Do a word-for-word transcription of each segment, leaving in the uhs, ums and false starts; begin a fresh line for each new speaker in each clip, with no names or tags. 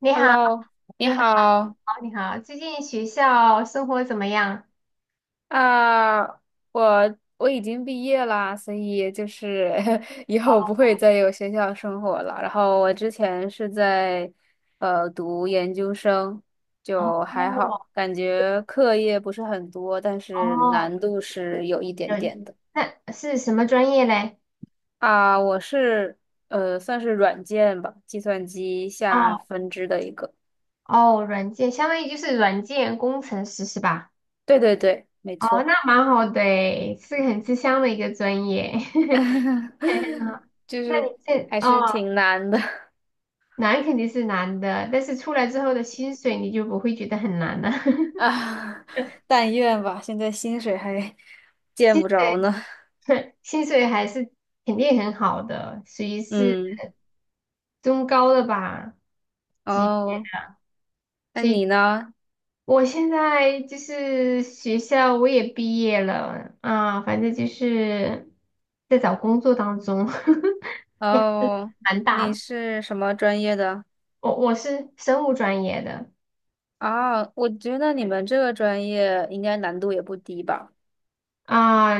你好，
Hello，你
你好，
好
你好，最近学校生活怎么样？
啊。我我已经毕业啦，所以就是 以后不
哦
会再有学校生活了。然后我之前是在呃读研究生，就还
哦，
好，感觉课业不是很多，但是
哦，
难度是有一点
有，
点的。
那是什么专业嘞？
啊，我是呃算是软件吧，计算机下
哦
分支的一个。
哦，软件，相当于就是软件工程师是吧？
对对对，没
哦，
错。
那蛮好的诶，是个很吃香的一个专业。嗯，
就
那
是
你这
还是
哦，
挺难的。
难肯定是难的，但是出来之后的薪水你就不会觉得很难了。
啊，但愿吧，现在薪水还见
薪
不着
水
呢。
薪水还是肯定很好的，属于是
嗯，
中高的吧级别。
哦，那
所以
你呢？
我现在就是学校我也毕业了啊，反正就是在找工作当中，也
哦，
蛮大
你
的。
是什么专业的？
我我是生物专业的。
啊，我觉得你们这个专业应该难度也不低吧？
啊，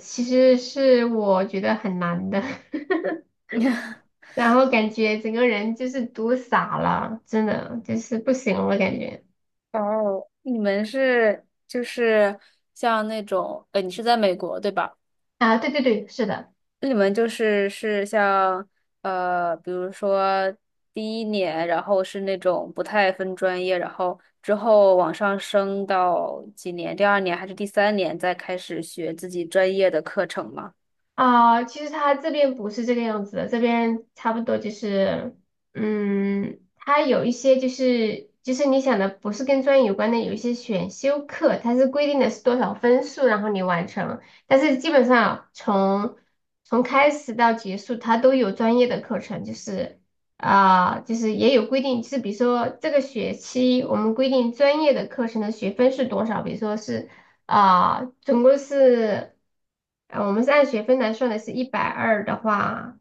其实是我觉得很难的，然后感觉整个人就是读傻了，真的就是不行了感觉。
哦，你们是就是像那种，呃，你是在美国对吧？
啊，对对对，是的。
那你们就是是像呃，比如说第一年，然后是那种不太分专业，然后之后往上升到几年，第二年还是第三年再开始学自己专业的课程吗？
啊，其实他这边不是这个样子的，这边差不多就是，嗯，他有一些就是就是你想的不是跟专业有关的，有一些选修课，它是规定的是多少分数，然后你完成，但是基本上从从开始到结束，它都有专业的课程，就是啊，就是也有规定，就是比如说这个学期我们规定专业的课程的学分是多少，比如说是。啊，总共是，呃，我们是按学分来算的，是一百二的话，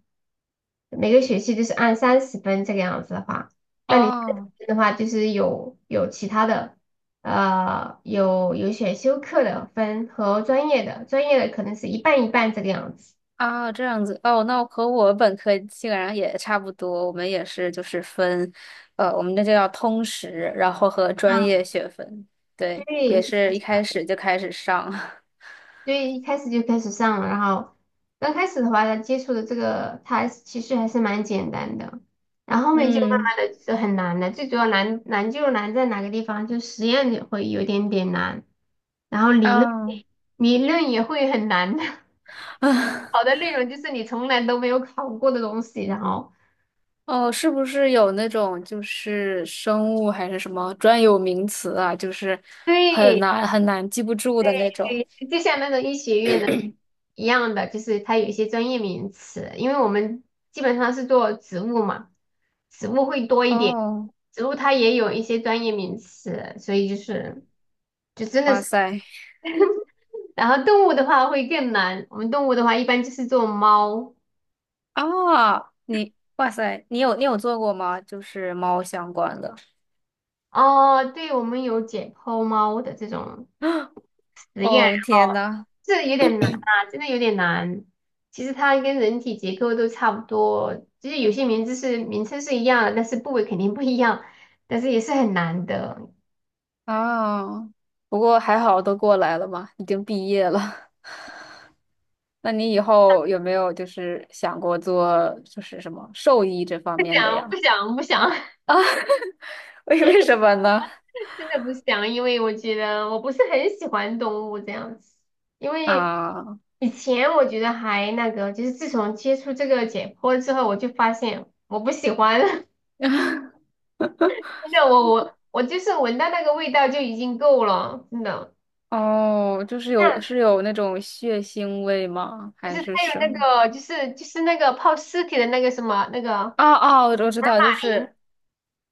每个学期就是按三十分这个样子的话，
哦，
的话就是有有其他的，呃，有有选修课的分和专业的，专业的可能是一半一半这个样子。
啊，这样子哦，那我和我本科基本上也差不多，我们也是就是分，呃，我们那就叫通识，然后和专
嗯，
业学分，对，
对，
也
是
是一
的。
开始就开始上。
所以一开始就开始上了，然后刚开始的话，接触的这个它其实还是蛮简单的，然后 后面就慢
嗯，
慢的就很难了。最主要难难就难在哪个地方，就实验也会有点点难，然后理论
啊
理论也会很难的。
啊。
好的 内容就是你从来都没有考过的东西，然后
哦，是不是有那种就是生物还是什么专有名词啊？就是很
对
难很难记不住的那种。
对，就像那种医学院的一样的，就是它有一些专业名词，因为我们基本上是做植物嘛，植物会多一点，
哦，
植物它也有一些专业名词，所以就是就真的
哇
是，
塞，
然后动物的话会更难，我们动物的话一般就是做猫。
啊，你哇塞，你有你有做过吗？就是猫相关的。
哦，对，我们有解剖猫的这种实验，然
哦，天
后
呐，
这有点难啊，真的有点难。其实它跟人体结构都差不多，就是有些名字是名称是一样的，但是部位肯定不一样，但是也是很难的。
啊，不过还好都过来了嘛，已经毕业了。那你以后有没有就是想过做就是什么兽医这方
不
面的
想不
呀？
想不想，
为为什么呢？
真的不想，因为我觉得我不是很喜欢动物这样子。因为
啊。
以前我觉得还那个，就是自从接触这个解剖之后，我就发现我不喜欢，真的，我我我就是闻到那个味道就已经够了，真的。
哦，就是有是有那种血腥味吗？
就
还
是他
是
有
什
那
么？
个，就是就是那个泡尸体的那个什么那个。
哦哦，我知道，就是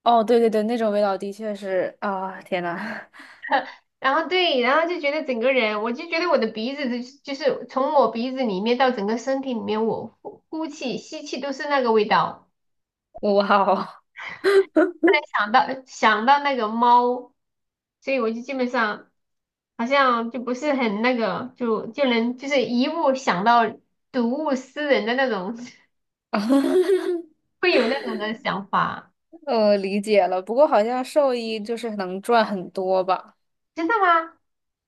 哦，对对对，那种味道的确是啊，天呐。
然后对，然后就觉得整个人，我就觉得我的鼻子就是就是从我鼻子里面到整个身体里面，我呼呼气、吸气都是那个味道。
哇哦。
想到想到那个猫，所以我就基本上好像就不是很那个，就就能就是一物想到睹物思人的那种，会有那种的想法。
我理解了。不过好像兽医就是能赚很多吧？
真的吗？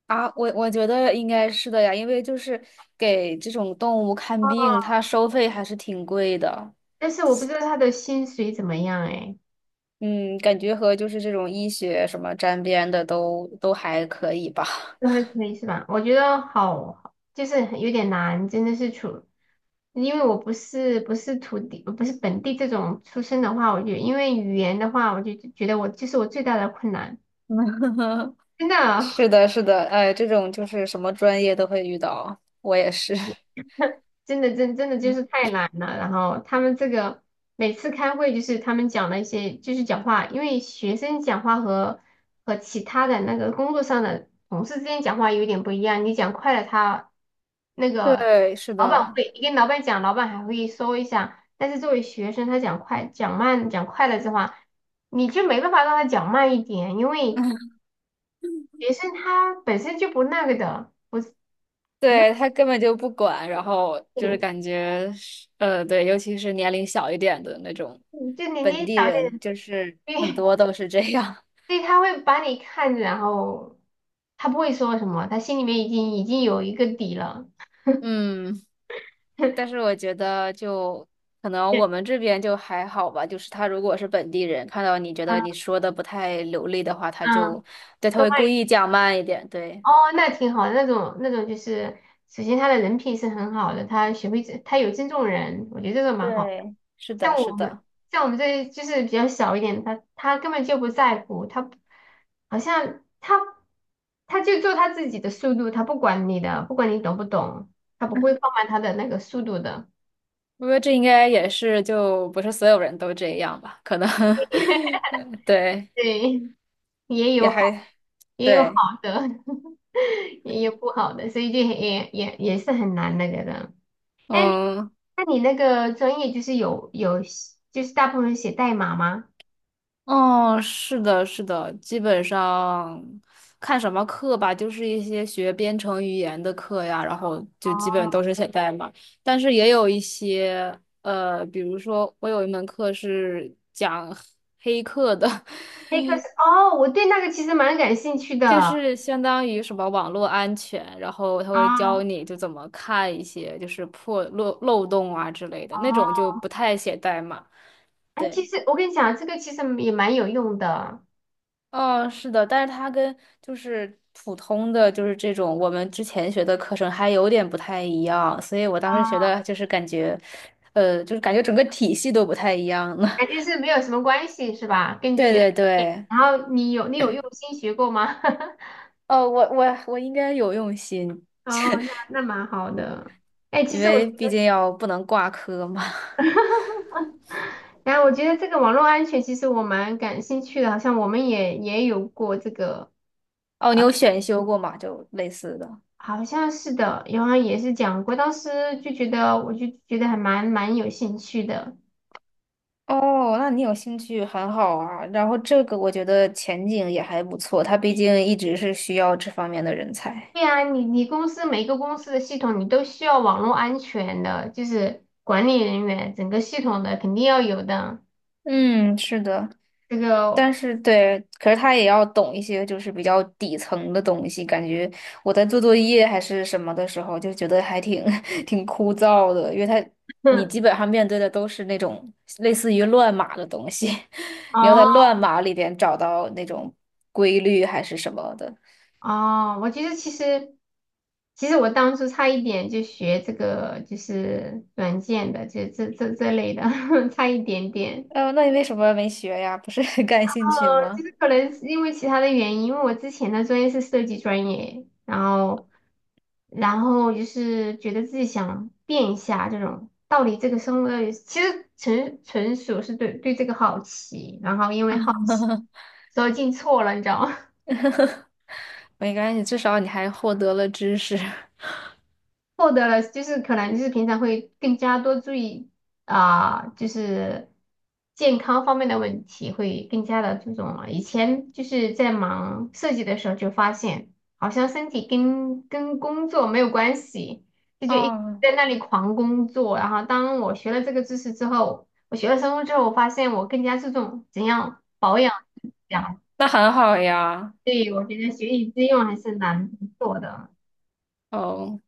啊，我我觉得应该是的呀，因为就是给这种动物看病，
啊，
它收费还是挺贵的。
但是我不知道他的薪水怎么样哎。
嗯，感觉和就是这种医学什么沾边的都都还可以吧。
都还可以是吧？我觉得好，就是有点难，真的是处，因为我不是不是土地，不是本地这种出身的话，我就因为语言的话，我就觉得我这是我最大的困难，真的啊。
是的，是的，哎，这种就是什么专业都会遇到，我也是。
真的真真的就是 太懒了。然后他们这个每次开会就是他们讲的一些就是讲话，因为学生讲话和和其他的那个工作上的同事之间讲话有点不一样。你讲快了他，那个
对，是
老板
的。
会，你跟老板讲，老板还会说一下。但是作为学生，他讲快讲慢讲快了的话，你就没办法让他讲慢一点，因为 学生他本身就不那个的，不是。如
对，他根本就不管，然后
果
就是
你
感觉是呃，对，尤其是年龄小一点的那种
嗯就你
本
你
地
早
人，
点。
就是 很
对，
多都是这样。
所以他会把你看着，然后他不会说什么，他心里面已经已经有一个底了。
嗯，但是 我觉得就可能我
对，
们这边就还好吧，就是他如果是本地人，看到你觉得
嗯
你说的不太流利的话，他
嗯，
就，对，他
都
会
帮
故
你。
意讲慢一点，对，
哦，那挺好的，那种那种就是，首先他的人品是很好的，他学会尊他有尊重人，我觉得这个蛮好。
对，是
像
的，
我
是
们
的。
像我们这就是比较小一点，他他根本就不在乎，他不好像他他就做他自己的速度，他不管你的，不管你懂不懂，他不会放慢他的那个速度的。
我觉得这应该也是，就不是所有人都这样吧？可能 对，
对，也
也
有。好。
还
也有好
对，
的，也有不好的，所以就很也也也是很难那个的。哎，
嗯，
那你那个专业就是有有写就是大部分写代码吗？
哦，是的，是的，基本上看什么课吧，就是一些学编程语言的课呀，然后就基本都是写代码，但是也有一些，呃，比如说我有一门课是讲黑客的。
那 个是哦，我对那个其实蛮感兴趣的
就
啊。
是相当于什么网络安全，然后他会教你就怎么看一些就是破漏漏洞啊之类的，
哦，
那种就不太写代码。
哎，其
对，
实我跟你讲，这个其实也蛮有用的。
哦，是的，但是它跟就是普通的就是这种我们之前学的课程还有点不太一样，所以我当时学的
啊，
就是感觉，呃，就是感觉整个体系都不太一样了。
感觉是没有什么关系是吧？跟 你
对
学，
对
哎，
对，
然后你有你有用心学过吗？
哦，我我我应该有用心，
哦，那那蛮好的。哎，其
因
实我觉
为毕竟
得。
要不能挂科嘛。
然后我觉得这个网络安全其实我蛮感兴趣的，好像我们也也有过这个。
哦，你
啊，
有选修过吗？就类似的。
好像是的，然后也是讲过，当时就觉得我就觉得还蛮蛮有兴趣的。
哦，那你有兴趣很好啊。然后这个我觉得前景也还不错，他毕竟一直是需要这方面的人才。
对啊，你你公司每个公司的系统你都需要网络安全的，就是管理人员整个系统的肯定要有的。
嗯，是的，
这个，
但是对，可是他也要懂一些就是比较底层的东西。感觉我在做作业还是什么的时候，就觉得还挺 挺枯燥的，因为他你基 本上面对的都是那种类似于乱码的东西，你要
哦。
在乱码里边找到那种规律还是什么的。
哦，我觉得其实，其实我当初差一点就学这个，就是软件的，就这这这类的，差一点点。
哦，那你为什么没学呀？不是很感兴趣
呃，就
吗？
是可能是因为其他的原因，因为我之前的专业是设计专业，然后，然后就是觉得自己想变一下这种，到底这个生活。到底，其实纯纯属是对对这个好奇，然后因为好奇，所以进错了，你知道吗？
没关系，至少你还获得了知识。
获得了，就是可能就是平常会更加多注意啊、就是健康方面的问题会更加的注重了。以前就是在忙设计的时候就发现，好像身体跟跟工作没有关系，就就一直
哦，
在那里狂工作。然后当我学了这个知识之后，我学了生物之后，我发现我更加注重怎样保养这样。
那很好呀。
所以我觉得学以致用还是蛮不错的，
哦，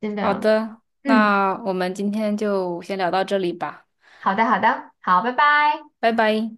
真
好
的。
的，
嗯，
那我们今天就先聊到这里吧，
好的，好的，好，拜拜。
拜拜。